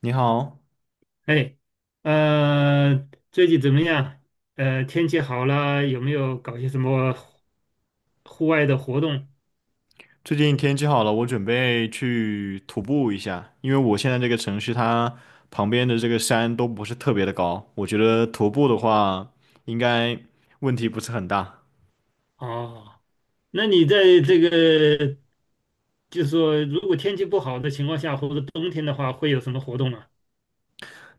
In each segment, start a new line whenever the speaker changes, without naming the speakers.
你好，
哎，最近怎么样？天气好了，有没有搞些什么户外的活动？
最近天气好了，我准备去徒步一下，因为我现在这个城市它旁边的这个山都不是特别的高，我觉得徒步的话应该问题不是很大。
哦，那你在这个，就是说，如果天气不好的情况下，或者冬天的话，会有什么活动啊？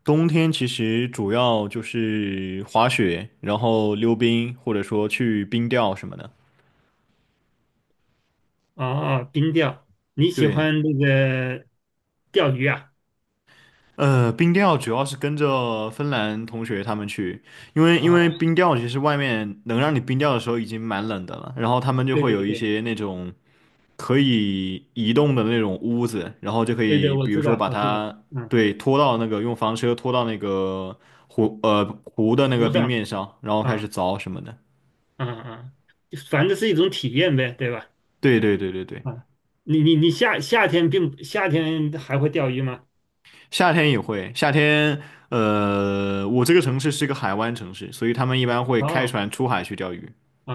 冬天其实主要就是滑雪，然后溜冰，或者说去冰钓什么的。
哦，哦冰钓，你喜
对，
欢那个钓鱼啊？
冰钓主要是跟着芬兰同学他们去，因为
啊、
冰钓其实外面能让你冰钓的时候已经蛮冷的了，然后他们就
对
会
对
有一
对
些那种。可以移动的那种屋子，然后就可
对对，
以，
我
比如
知
说
道，
把
我知道，
它
嗯，
对拖到那个用房车拖到那个湖的那个
湖
冰
上
面上，然后开
啊
始凿什么的。
啊啊，就反正是一种体验呗，对吧？
对对对对对，
啊，你夏天还会钓鱼吗？
夏天也会，夏天我这个城市是个海湾城市，所以他们一般会开
哦
船出海去钓鱼。
啊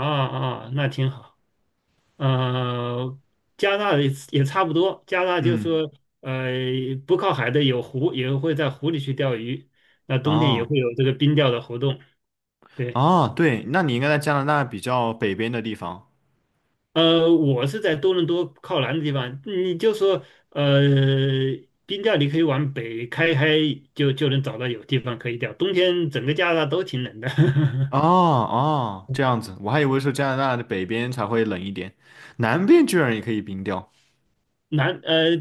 啊，那挺好。呃，加拿大也差不多，加拿大就是
嗯，
说呃不靠海的有湖，也会在湖里去钓鱼。那冬天也
哦
会有这个冰钓的活动。对，
哦，对，那你应该在加拿大比较北边的地方。
我是在多伦多靠南的地方，你就说呃冰钓你可以往北开开就能找到有地方可以钓，冬天整个加拿大都挺冷的。
哦哦，这样子，我还以为是加拿大的北边才会冷一点，南边居然也可以冰钓。
南呃，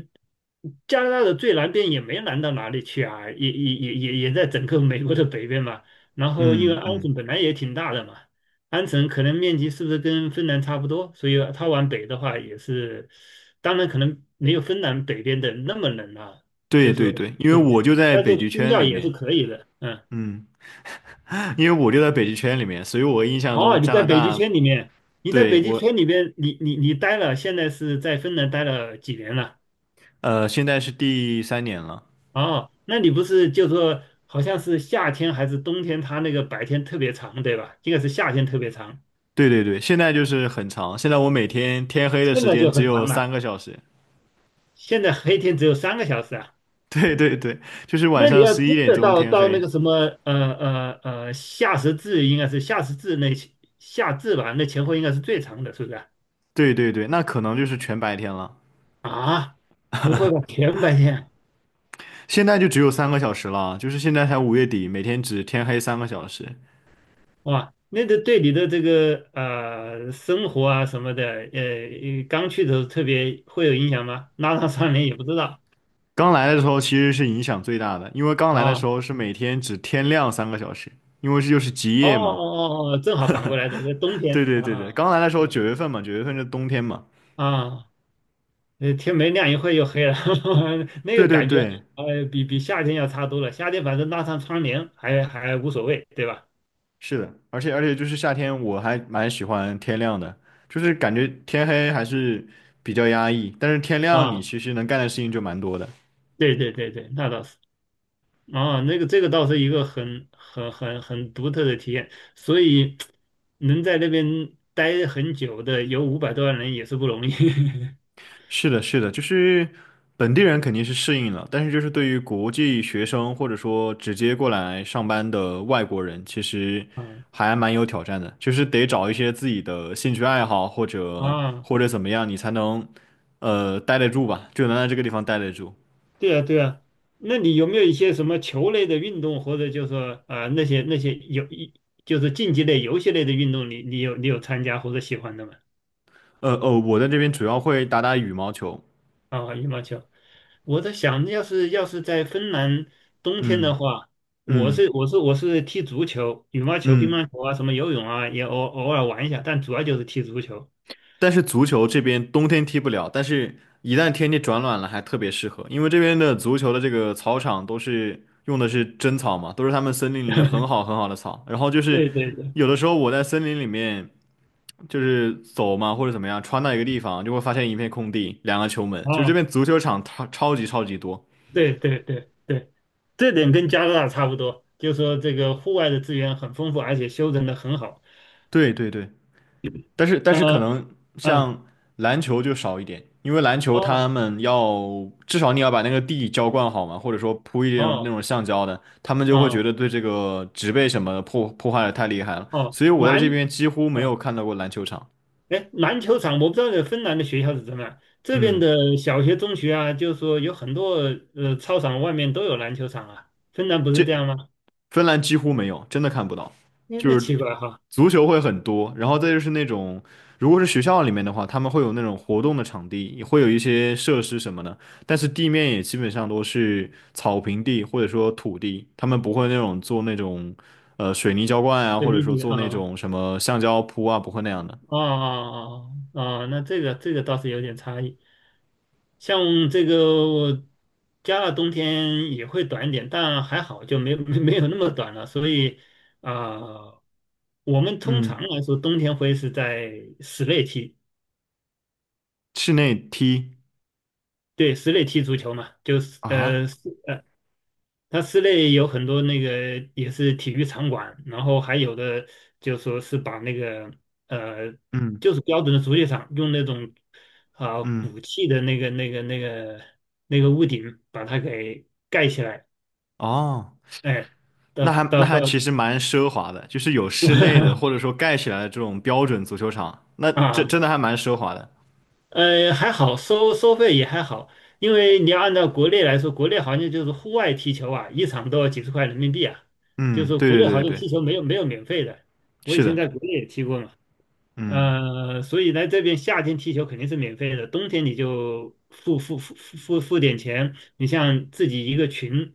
加拿大的最南边也没南到哪里去啊，也在整个美国的北边嘛。然后因为
嗯
安
嗯，
省本来也挺大的嘛，安省可能面积是不是跟芬兰差不多？所以它往北的话也是，当然可能没有芬兰北边的那么冷啊，
对
就是说
对对，因为
对
我
对，
就在
但是
北极
冰
圈
钓
里
也是
面。
可以的，嗯。
嗯，因为我就在北极圈里面，所以我印象
哦，
中
你
加
在
拿
北极
大，
圈里面，你在
对，
北极
我，
圈里边？你待了，现在是在芬兰待了几年了？
现在是第三年了，
哦，那你不是就说好像是夏天还是冬天，它那个白天特别长，对吧？应该是夏天特别长，
对对对，现在就是很长，现在我每天天黑的
现
时
在
间
就
只
很
有
长
三
了。
个小时。
现在黑天只有3个小时啊。
对对对，就是晚
那你
上
要
十
真
一点
的
钟
到
天
到那
黑，
个什么呃呃呃夏时至，应该是夏至吧？那前后应该是最长的，是不是啊？
对对对，那可能就是全白天了，
啊，不会吧？全白天
现在就只有三个小时了，就是现在才5月底，每天只天黑三个小时。
哇？那个对你的这个生活啊什么的，刚去的时候特别会有影响吗？拉上窗帘也不知道
刚来的时候其实是影响最大的，因为刚来的时
啊。
候是每天只天亮三个小时，因为这就是极
哦
夜嘛。
哦哦哦，正好反过来的，冬
对
天
对
啊
对对，
啊
刚来的时候九月份嘛，九月份是冬天嘛。
啊，啊天没亮一会儿又黑了，那
对
个
对
感觉，
对，
比夏天要差多了。夏天反正拉上窗帘还无所谓，对吧？
是的，而且就是夏天，我还蛮喜欢天亮的，就是感觉天黑还是比较压抑，但是天亮你
啊，
其实能干的事情就蛮多的。
对对对对，那倒是。啊，那个这个倒是一个很独特的体验，所以能在那边待很久的有500多万人也是不容易。
是的，是的，就是本地人肯定是适应了，但是就是对于国际学生或者说直接过来上班的外国人，其实
啊
还蛮有挑战的，就是得找一些自己的兴趣爱好或者
啊
或者怎么样，你才能待得住吧，就能在这个地方待得住。
对啊，对啊，那你有没有一些什么球类的运动，或者就是说啊那些就是竞技类、游戏类的运动你，你有参加或者喜欢的吗？
哦，我在这边主要会打打羽毛球，
啊、羽毛球，我在想，要是在芬兰冬天的
嗯
话，我
嗯
是我是我是踢足球、羽毛球、乒
嗯。
乓球啊，什么游泳啊，也偶尔玩一下，但主要就是踢足球。
但是足球这边冬天踢不了，但是一旦天气转暖了，还特别适合，因为这边的足球的这个草场都是用的是真草嘛，都是他们森林里面很好很好的草。然后就是
对对对，
有的时候我在森林里面就是走嘛，或者怎么样，穿到一个地方就会发现一片空地，2个球门，就是这
啊，
边足球场超级多。
对对对对，这点跟加拿大差不多，就是说这个户外的资源很丰富，而且修整的很好。
对对对。但是可
呃
能
嗯，
像篮球就少一点，因为篮球他
哦，
们要至少你要把那个地浇灌好嘛，或者说铺一点那
哦，
种橡胶的，他们就会觉
哦，
得对这个植被什么的破坏的太厉害了，
哦，
所以我在这边几乎没有
啊，
看到过篮球场。
哎，篮球场，我不知道芬兰的学校是怎么样，这边
嗯，
的小学、中学啊，就是说有很多操场外面都有篮球场啊，芬兰不
这
是这样吗？
芬兰几乎没有，真的看不到。
哎，
就
那
是
奇怪哈，
足球会很多，然后再就是那种，如果是学校里面的话，他们会有那种活动的场地，也会有一些设施什么的，但是地面也基本上都是草坪地或者说土地，他们不会那种做那种水泥浇灌啊，
对，
或者
理
说
解
做那
啊，
种什么橡胶铺啊，不会那样的。
哦哦哦哦，那这个倒是有点差异，像这个我加拿大冬天也会短一点，但还好就没有那么短了，所以啊。我们通
嗯，
常来说，冬天会是在室内踢，
室内踢
对，室内踢足球嘛，就是
啊，
室内有很多那个也是体育场馆，然后还有的就说是把那个呃，
嗯
就是标准的足球场，用那种啊、鼓
嗯，
气的那个屋顶把它给盖起来，
哦。
哎，到
那还
到
那
到
还其实蛮奢华的，就是有室内的或者 说盖起来的这种标准足球场，那这真
啊。
的还蛮奢华的。
还好，收费也还好，因为你要按照国内来说，国内好像就是户外踢球啊，一场都要几十块人民币啊，就
嗯，
是
对
国
对
内好
对
像
对，对，
踢球没有免费的。我以
是
前
的，
在国内也踢过嘛。
嗯
所以来这边夏天踢球肯定是免费的，冬天你就付点钱。你像自己一个群，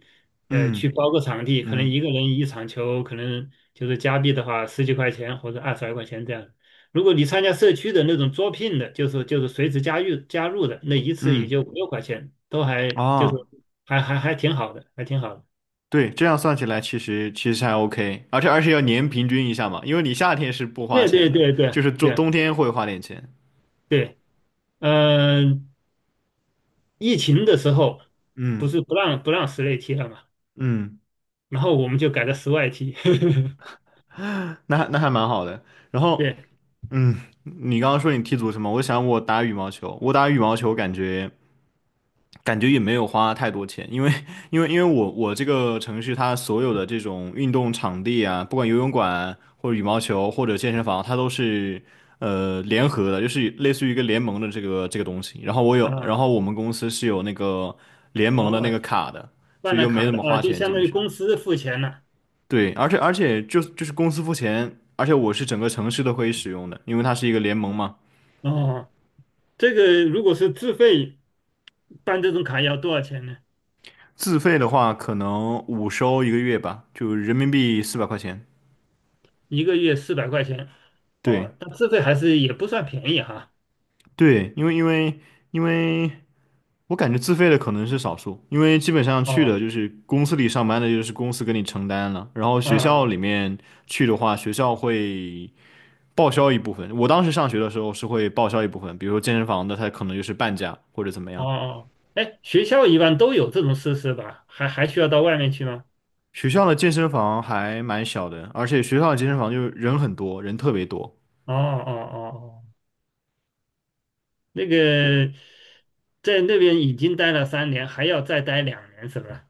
去
嗯
包个场地，可能一
嗯
个人一场球，可能就是加币的话十几块钱或者二十来块钱这样。如果你参加社区的那种招聘的，就是随时加入加入的，那一次也
嗯，
就五六块钱，都还就是
哦，
还挺好的，还挺好的。
对，这样算起来其实还 OK，而且要年平均一下嘛，因为你夏天是不花
对
钱
对
的，
对对
就是冬冬
对
天会花点钱。
对，嗯、疫情的时候不
嗯
是不让室内踢了嘛，
嗯，
然后我们就改到室外踢。
那还蛮好的。然后
对
嗯，你刚刚说你踢足球嘛，我想我打羽毛球，我打羽毛球感觉。感觉也没有花太多钱，因为我这个城市它所有的这种运动场地啊，不管游泳馆或者羽毛球或者健身房，它都是联合的，就是类似于一个联盟的这个这个东西。然后我有，然
啊，
后我们公司是有那个联盟的那
哦，
个卡的，所
办
以
了
就没
卡
怎
的
么
啊，
花
就
钱，基
相当
本
于
上。
公司付钱了。
对，而且就是公司付钱，而且我是整个城市都可以使用的，因为它是一个联盟嘛。
哦，这个如果是自费办这种卡要多少钱呢？
自费的话，可能五收一个月吧，就人民币400块钱。
一个月400块钱。
对。
哦，但自费还是也不算便宜哈。
对，因为我感觉自费的可能是少数，因为基本上去的
哦，
就是公司里上班的，就是公司给你承担了，然后学校
哦，
里面去的话，学校会报销一部分。我当时上学的时候是会报销一部分，比如说健身房的，它可能就是半价或者怎么样。
哦，哎，学校一般都有这种设施吧？还需要到外面去吗？
学校的健身房还蛮小的，而且学校的健身房就是人很多，人特别多。
哦哦哦哦。那个在那边已经待了3年，还要再待2年，是不是？啊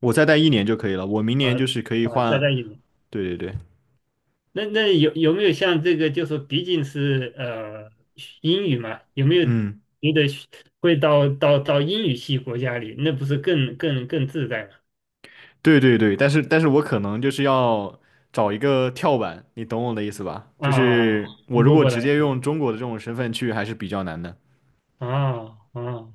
我再待一年就可以了，我明年就是可以
啊，再
换。
待一年。
对对对，
那有没有像这个，就是毕竟是英语嘛，有没有
嗯。
觉得会到英语系国家里，那不是更自在吗？
对对对，但是我可能就是要找一个跳板，你懂我的意思吧？就
啊，
是我
不
如
不
果
不
直
了
接用中国的这种身份去，还是比较难的。
啊啊！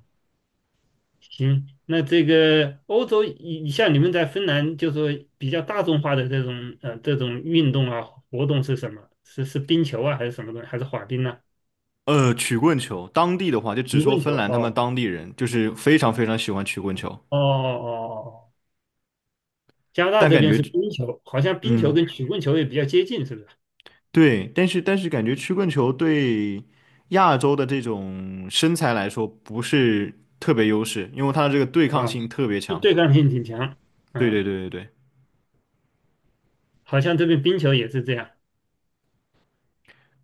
行，那这个欧洲，你像你们在芬兰，就说比较大众化的这种运动啊活动是什么？是冰球啊，还是什么东西？还是滑冰呢、
曲棍球，当地的话就只
曲
说
棍
芬
球？
兰他们
哦
当地人就是非常非常喜欢曲棍球，
哦哦哦哦，加拿大
但
这
感
边
觉，
是冰球，好像冰球
嗯，
跟曲棍球也比较接近，是不是？
对，但是感觉曲棍球对亚洲的这种身材来说不是特别优势，因为它的这个对抗
啊，
性特别
对，
强。
对抗性挺强，
对
嗯，
对对对对。
好像这边冰球也是这样。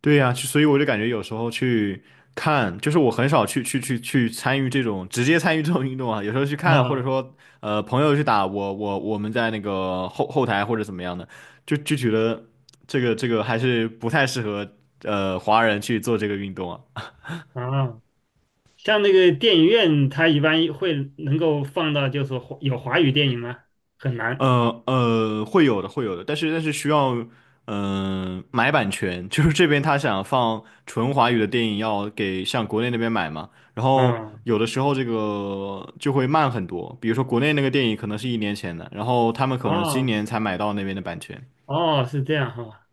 对呀，就所以我就感觉有时候去看，就是我很少去参与这种直接参与这种运动啊，有时候去看，或者
啊
说朋友去打，我们在那个后台或者怎么样的，就觉得这个还是不太适合华人去做这个运动啊。
啊，像那个电影院，它一般会能够放到就是华语电影吗？很难。
会有的，会有的，但是需要，嗯、买版权，就是这边他想放纯华语的电影，要给向国内那边买嘛，然后
啊
有的时候这个就会慢很多，比如说国内那个电影可能是一年前的，然后他们可能今
啊
年才买到那边的版权。
哦，是这样哈，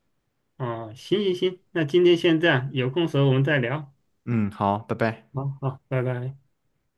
哦，行行行，那今天先这样，有空时候我们再聊，
嗯，好，拜拜。
好好，拜拜。